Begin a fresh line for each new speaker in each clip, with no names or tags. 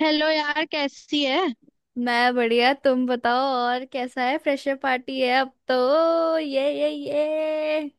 Hello यार, कैसी है।
मैं बढ़िया। तुम बताओ और कैसा है? फ्रेशर पार्टी है अब तो ये।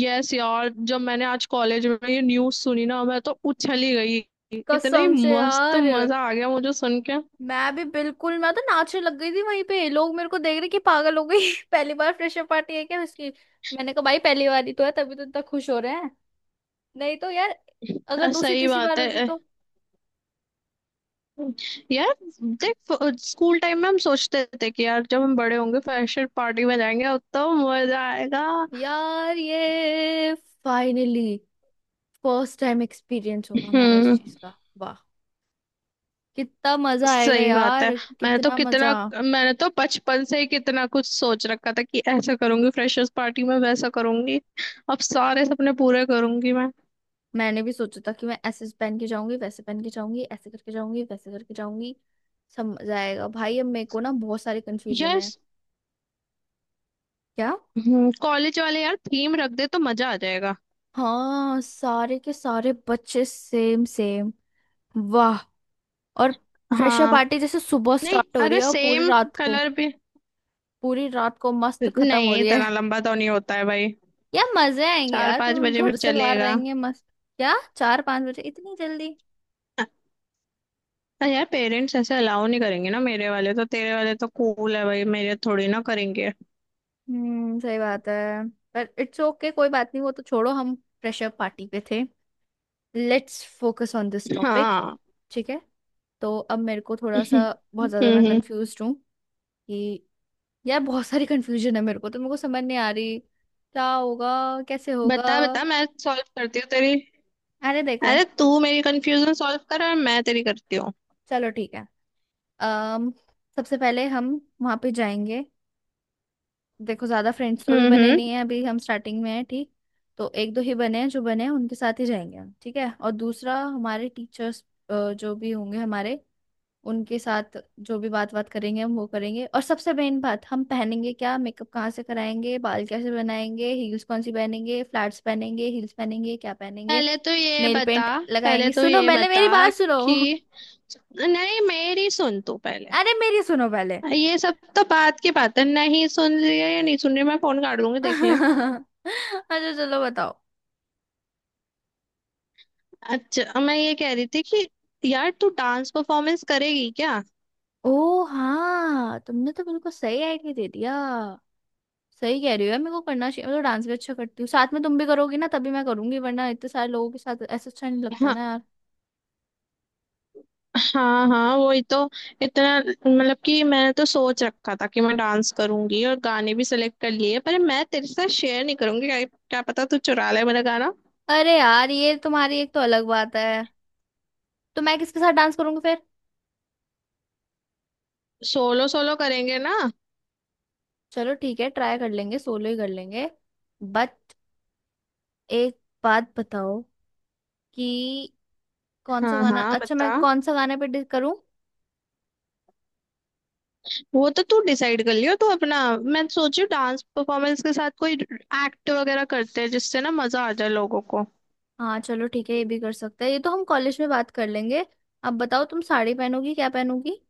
यस यार, जब मैंने आज कॉलेज में ये न्यूज़ सुनी ना, मैं तो उछल ही गई। इतनी
कसम से
मस्त,
यार।
मजा आ गया मुझे सुन के।
मैं भी बिल्कुल, मैं तो नाचने लग गई थी वहीं पे। लोग मेरे को देख रहे कि पागल हो गई। पहली बार फ्रेशर पार्टी है क्या इसकी। मैंने कहा भाई पहली बार ही तो है, तभी तो इतना खुश हो रहे हैं। नहीं तो यार, अगर दूसरी
सही
तीसरी
बात
बार
है।
होती तो।
यार, देख। स्कूल टाइम में हम सोचते थे कि यार, जब हम बड़े होंगे फ्रेशर पार्टी में जाएंगे अब तो मजा आएगा।
यार ये, फाइनली फर्स्ट टाइम एक्सपीरियंस होगा हमारा इस
हम्म।
चीज का। वाह, कितना मजा आएगा
सही बात है।
यार,
मैंने तो
कितना मजा।
कितना मैंने तो बचपन से ही कितना कुछ सोच रखा था कि ऐसा करूंगी फ्रेशर्स पार्टी में, वैसा करूंगी। अब सारे सपने पूरे करूंगी मैं।
मैंने भी सोचा था कि मैं ऐसे पहन के जाऊंगी, वैसे पहन के जाऊंगी, ऐसे करके जाऊंगी, वैसे करके जाऊंगी। समझ आएगा भाई, अब मेरे को ना बहुत सारे कंफ्यूजन
यार,
है। क्या?
कॉलेज वाले यार थीम रख दे तो मजा आ जाएगा।
हाँ, सारे के सारे बच्चे सेम सेम। वाह। और फ्रेशर
हाँ।
पार्टी जैसे सुबह
नहीं,
स्टार्ट हो रही
अगर
है और पूरी
सेम
रात को,
कलर भी।
पूरी रात को मस्त खत्म हो
नहीं,
रही है।
इतना लंबा तो नहीं होता है भाई।
यार मजे आएंगे
चार
यार,
पांच
तुम
बजे भी
घर से बाहर
चलेगा।
रहेंगे मस्त। क्या, चार पांच बजे? इतनी जल्दी?
अरे यार, पेरेंट्स ऐसे अलाउ नहीं करेंगे ना, मेरे वाले तो। तेरे वाले तो कूल है भाई, मेरे थोड़ी ना करेंगे।
हम्म, सही बात है। पर इट्स ओके, कोई बात नहीं, वो तो छोड़ो। हम फ्रेशर पार्टी पे थे, let's focus on this topic.
हाँ।
ठीक है। तो अब मेरे को थोड़ा सा, बहुत ज्यादा मैं
हम्म।
कंफ्यूज हूँ कि, यार बहुत सारी कंफ्यूजन है मेरे को, तो मेरे को समझ नहीं आ रही क्या होगा, कैसे होगा।
बता बता, मैं सॉल्व करती हूँ तेरी।
अरे देखो।
अरे तू मेरी कंफ्यूजन सॉल्व कर और मैं तेरी करती हूँ।
चलो ठीक है। अम सबसे पहले हम वहां पे जाएंगे। देखो, ज्यादा फ्रेंड्स तो भी
हम्म।
बने नहीं
हम्म।
है अभी, हम स्टार्टिंग में हैं, ठीक? तो एक दो ही बने हैं, जो बने हैं उनके साथ ही जाएंगे हम, ठीक है। और दूसरा हमारे टीचर्स जो भी होंगे हमारे, उनके साथ जो भी बात बात करेंगे हम वो करेंगे। और सबसे मेन बात, हम पहनेंगे क्या, मेकअप कहाँ से कराएंगे, बाल कैसे बनाएंगे, हील्स कौन सी पहनेंगे, फ्लैट्स पहनेंगे, हील्स पहनेंगे, क्या पहनेंगे,
पहले तो ये
नेल
बता।
पेंट
पहले
लगाएंगे।
तो
सुनो
ये
पहले
बता
मेरी बात
कि
सुनो।
नहीं, मेरी सुन तू पहले।
अरे मेरी सुनो पहले।
ये सब तो बात की बात है, नहीं सुन रही है या नहीं सुन रही है, मैं फोन काट दूंगी देख ले।
अच्छा चलो बताओ।
अच्छा, मैं ये कह रही थी कि यार तू डांस परफॉर्मेंस करेगी क्या।
ओ हाँ, तुमने तो बिल्कुल सही आइडिया दे दिया। सही कह रही हो यार, मेरे को करना चाहिए। मैं तो डांस भी अच्छा करती हूँ। साथ में तुम भी करोगी ना, तभी मैं करूंगी, वरना इतने सारे लोगों के साथ ऐसा अच्छा नहीं लगता ना
हाँ।
यार।
हाँ हाँ, वही तो। इतना मतलब कि मैंने तो सोच रखा था कि मैं डांस करूंगी और गाने भी सिलेक्ट कर लिए, पर मैं तेरे साथ शेयर नहीं करूंगी क्या, क्या पता तू चुरा ले मेरा गाना।
अरे यार ये तुम्हारी एक तो अलग बात है, तो मैं किसके साथ डांस करूंगी फिर?
सोलो सोलो करेंगे ना।
चलो ठीक है, ट्राई कर लेंगे, सोलो ही कर लेंगे। बट एक बात बताओ कि कौन सा
हाँ
गाना
हाँ,
अच्छा, मैं
बता।
कौन सा करूं?
वो तो तू डिसाइड कर लियो तू अपना। मैं सोची डांस परफॉर्मेंस के साथ कोई एक्ट वगैरह करते हैं जिससे ना मजा आ जाए लोगों को।
हाँ चलो ठीक है, ये भी कर सकते हैं, ये तो हम कॉलेज में बात कर लेंगे। अब बताओ, तुम साड़ी पहनोगी क्या पहनोगी?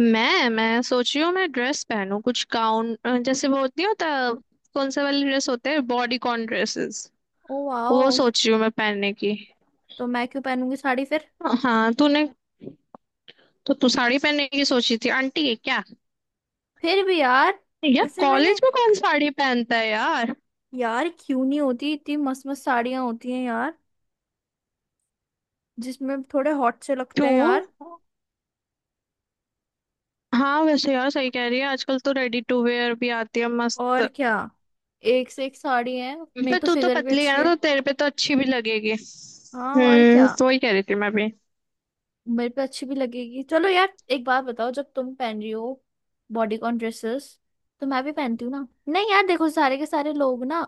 मैं सोची हूँ मैं ड्रेस पहनूं, कुछ गाउन जैसे, वो होती, नहीं होता, कौन से वाली ड्रेस होते हैं, बॉडी कॉन ड्रेसेस।
ओ
वो
वाओ।
सोची हूँ मैं पहनने की।
तो मैं क्यों पहनूंगी साड़ी फिर?
हाँ। तूने तो तू साड़ी पहनने की सोची थी, आंटी है क्या।
फिर भी यार,
यार
वैसे मैंने,
कॉलेज में कौन साड़ी पहनता है यार।
यार क्यों नहीं? होती इतनी मस्त मस्त साड़ियां होती हैं यार, जिसमें थोड़े हॉट से लगते हैं
क्यों।
यार।
हाँ वैसे यार, सही कह रही है। आजकल तो रेडी टू वेयर भी आती है
और
मस्त।
क्या, एक से एक साड़ी है। मेरी
पर
तो
तू तो
फिगर भी
पतली है
अच्छी
ना,
है।
तो तेरे पे तो अच्छी भी लगेगी,
हाँ और क्या,
तो वही कह रही थी मैं भी।
मेरे पे अच्छी भी लगेगी। चलो यार, एक बात बताओ, जब तुम पहन रही हो बॉडीकॉन ड्रेसेस, तो मैं भी पहनती हूँ ना? नहीं यार, देखो सारे के सारे लोग ना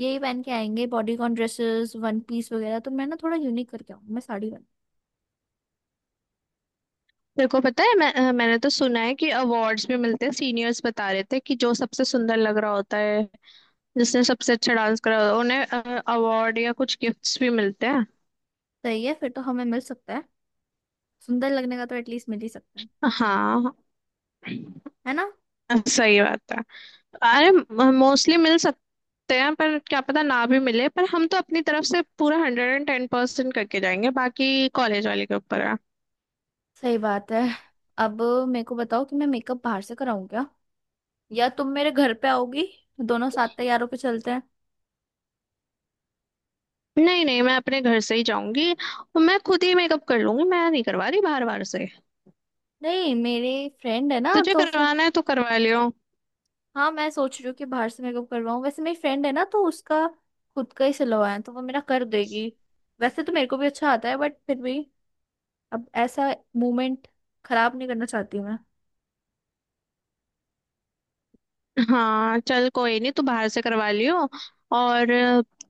यही पहन के आएंगे, बॉडीकॉन ड्रेसेस, वन पीस वगैरह। तो मैं ना थोड़ा यूनिक करके आऊँ, मैं साड़ी पहन।
तेरे को पता है, मैंने तो सुना है कि अवार्ड्स भी मिलते हैं। सीनियर्स बता रहे थे कि जो सबसे सुंदर लग रहा होता है, जिसने सबसे अच्छा डांस करा होता है, उन्हें अवार्ड या कुछ गिफ्ट्स भी मिलते हैं।
सही है, फिर तो हमें मिल सकता है। सुंदर लगने का तो एटलीस्ट मिल ही सकता है।
हाँ,
है ना?
सही बात है। अरे मोस्टली मिल सकते हैं, पर क्या पता ना भी मिले, पर हम तो अपनी तरफ से पूरा 110% करके जाएंगे, बाकी कॉलेज वाले के ऊपर है।
सही बात है। अब मेरे को बताओ कि मैं मेकअप बाहर से कराऊँ क्या, या तुम मेरे घर पे आओगी, दोनों साथ तैयारों पे चलते हैं।
नहीं नहीं, मैं अपने घर से ही जाऊंगी और मैं खुद ही मेकअप कर लूंगी, मैं नहीं करवा रही बाहर। बाहर से
नहीं मेरे फ्रेंड है ना
तुझे
तो फिर।
करवाना है तो करवा लियो।
हाँ मैं सोच रही हूँ कि बाहर से मेकअप करवाऊँ। वैसे मेरी फ्रेंड है ना तो उसका खुद का ही सिलवाया है, तो वो मेरा कर देगी। वैसे तो मेरे को भी अच्छा आता है, बट फिर भी, अब ऐसा मोमेंट खराब नहीं करना चाहती मैं।
हाँ चल, कोई नहीं, तू बाहर से करवा लियो। और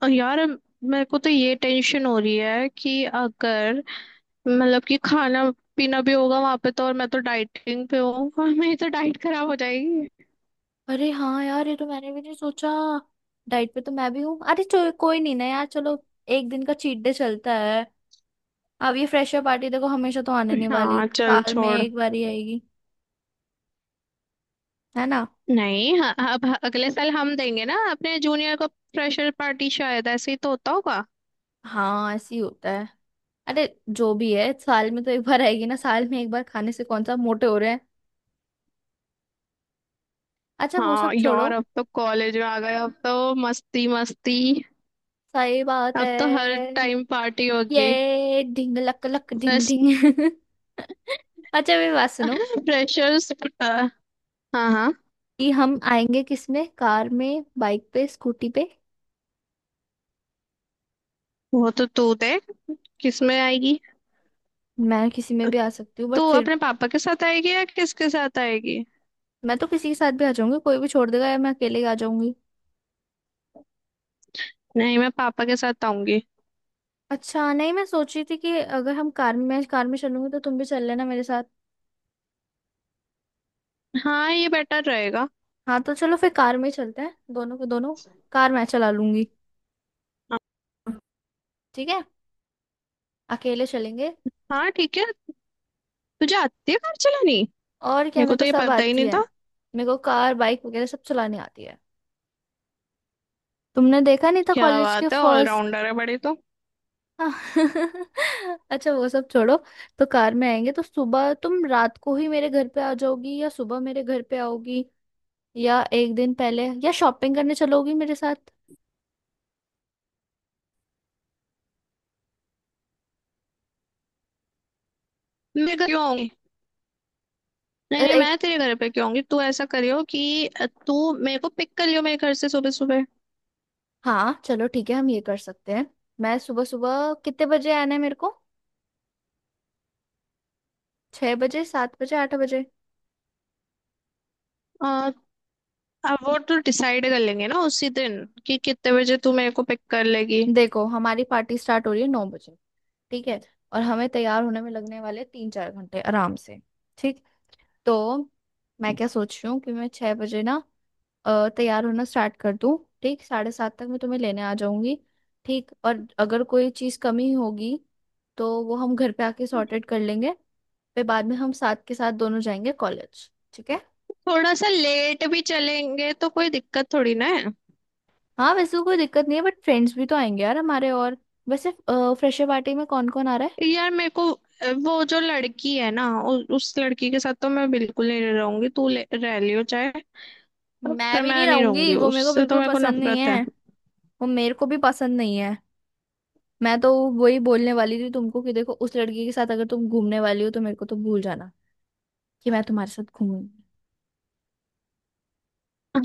यार, मेरे को तो ये टेंशन हो रही है कि अगर, मतलब कि खाना पीना भी होगा वहां पे तो, और मैं तो डाइटिंग पे हूँ और मेरी तो डाइट खराब हो जाएगी।
अरे हाँ यार, ये तो मैंने भी नहीं सोचा। डाइट पे तो मैं भी हूँ। अरे चलो कोई नहीं ना यार, चलो एक दिन का चीट डे चलता है। अब ये फ्रेशर पार्टी देखो, हमेशा तो आने नहीं वाली,
हाँ चल
साल में
छोड़।
एक बार ही आएगी, है ना।
नहीं, हाँ, अब अगले साल हम देंगे ना अपने जूनियर को फ्रेशर पार्टी, शायद ऐसे ही तो होता होगा।
हाँ ऐसे ही होता है। अरे जो भी है, साल में तो एक बार आएगी ना, साल में एक बार खाने से कौन सा मोटे हो रहे हैं। अच्छा वो
हाँ
सब छोड़ो।
यार, अब तो कॉलेज में आ गए, अब तो मस्ती मस्ती।
सही बात है।
अब तो हर टाइम पार्टी होगी।
ये ढिंग लक लक ढिंग
फ्रेश
ढिंग। अच्छा मेरी बात सुनो
फ्रेशर्स हाँ। हाँ।
कि हम आएंगे किस में, कार में, बाइक पे, स्कूटी पे?
वो तो तू दे, किसमें आएगी।
मैं किसी में भी आ सकती हूँ
तू
बट फिर।
अपने पापा के साथ आएगी या किसके साथ आएगी।
मैं तो किसी के साथ भी आ जाऊंगी, कोई भी छोड़ देगा, या मैं अकेले ही आ जाऊंगी।
नहीं, मैं पापा के साथ आऊंगी।
अच्छा नहीं, मैं सोच रही थी कि अगर हम कार में, मैं कार में चलूंगी तो तुम भी चल लेना मेरे साथ।
हाँ, ये बेटर रहेगा।
हाँ तो चलो, फिर कार में ही चलते हैं दोनों को दोनों, कार मैं चला लूंगी। ठीक है, अकेले चलेंगे।
हाँ ठीक है। तुझे आती है कार चलानी।
और क्या,
मेरे
मेरे
को
को
तो ये
सब
पता ही
आती
नहीं
है।
था।
मेरे को कार बाइक वगैरह सब चलानी आती है। तुमने देखा नहीं था
क्या
कॉलेज के
बात है,
फर्स्ट।
ऑलराउंडर है बड़ी तो।
अच्छा वो सब छोड़ो। तो कार में आएंगे, तो सुबह तुम रात को ही मेरे घर पे आ जाओगी, या सुबह मेरे घर पे आओगी, या एक दिन पहले, या शॉपिंग करने चलोगी मेरे साथ?
मैं क्यों आऊंगी।
अ,
नहीं नहीं,
एक
मैं तेरे घर पे क्यों आऊंगी। तू ऐसा करियो कि तू मेरे को पिक कर लियो मेरे घर से सुबह सुबह।
हाँ चलो ठीक है, हम ये कर सकते हैं। मैं सुबह सुबह कितने बजे आना है मेरे को, छह बजे, सात बजे, आठ बजे?
अ, अब वो तो डिसाइड कर लेंगे ना उसी दिन कि कितने बजे तू मेरे को पिक कर लेगी।
देखो हमारी पार्टी स्टार्ट हो रही है नौ बजे, ठीक है? और हमें तैयार होने में लगने वाले तीन चार घंटे आराम से, ठीक? तो मैं क्या सोच रही हूँ कि मैं छह बजे ना, तैयार होना स्टार्ट कर दूँ, ठीक? साढ़े सात तक मैं तुम्हें लेने आ जाऊंगी, ठीक। और अगर कोई चीज़ कमी होगी तो वो हम घर पे आके सॉर्ट आउट कर लेंगे। फिर बाद में हम साथ के साथ दोनों जाएंगे कॉलेज, ठीक है?
थोड़ा सा लेट भी चलेंगे तो कोई दिक्कत थोड़ी ना है।
हाँ वैसे तो कोई दिक्कत नहीं है, बट फ्रेंड्स भी तो आएंगे यार हमारे। और वैसे फ्रेशर पार्टी में कौन कौन आ रहा है?
यार, मेरे को वो जो लड़की है ना, उस लड़की के साथ तो मैं बिल्कुल नहीं रहूंगी, तू रह लियो चाहे।
मैं
पर
भी नहीं
मैं नहीं
रहूंगी,
रहूंगी,
वो मेरे को
उससे तो
बिल्कुल
मेरे को
पसंद नहीं
नफरत
है।
है।
वो मेरे को भी पसंद नहीं है। मैं तो वही बोलने वाली थी तुमको कि देखो उस लड़की के साथ अगर तुम घूमने वाली हो तो मेरे को तो भूल जाना कि मैं तुम्हारे साथ घूमूंगी।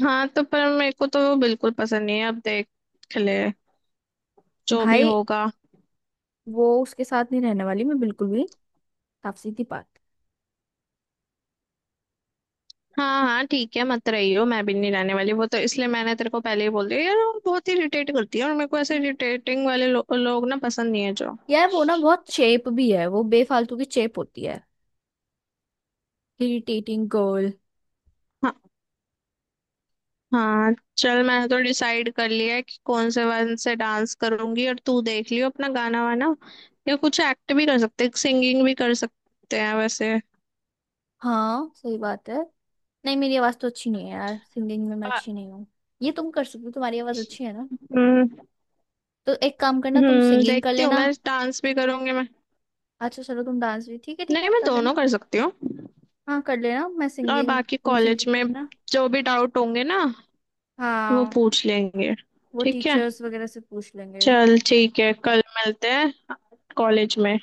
हाँ तो, पर मेरे को तो वो बिल्कुल पसंद नहीं है, अब देख ले, जो भी
भाई
होगा।
वो, उसके साथ नहीं रहने वाली मैं बिल्कुल भी। साफ सीधी बात।
हाँ हाँ ठीक है, मत रही हो, मैं भी नहीं रहने वाली। वो तो इसलिए मैंने तेरे को पहले ही बोल दिया यार, वो बहुत ही इरिटेट करती है और मेरे को ऐसे इरिटेटिंग वाले लोग ना पसंद नहीं है जो।
यार वो ना बहुत चेप भी है, वो बेफालतू की चेप होती है। Irritating girl.
हाँ। हाँ। चल, मैंने तो डिसाइड कर लिया है कि कौन से वन से डांस करूंगी, और तू देख लियो अपना गाना वाना, या कुछ एक्ट भी कर सकते हैं, सिंगिंग भी कर सकते हैं वैसे।
हाँ सही बात है। नहीं मेरी आवाज तो अच्छी नहीं है यार, सिंगिंग में मैं
बा-
अच्छी नहीं हूँ। ये तुम कर सकते हो, तुम्हारी आवाज अच्छी है ना।
हम्म
तो एक काम करना, तुम सिंगिंग कर
देखती हूँ,
लेना।
मैं डांस भी करूंगी मैं।
अच्छा चलो, तुम डांस भी ठीक है ठीक
नहीं,
है,
मैं
कर लेना।
दोनों कर सकती हूँ।
हाँ कर लेना, मैं
और
सिंगिंग,
बाकी
तुम
कॉलेज
सिंगिंग
में
करना।
जो भी डाउट होंगे ना, वो
हाँ
पूछ लेंगे।
वो
ठीक है।
टीचर्स वगैरह से पूछ लेंगे।
चल ठीक है, कल मिलते हैं कॉलेज में।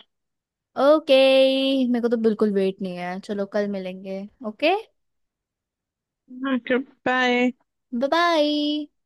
ओके, मेरे को तो बिल्कुल वेट नहीं है, चलो कल मिलेंगे। ओके,
हाँ, बाय।
Bye bye.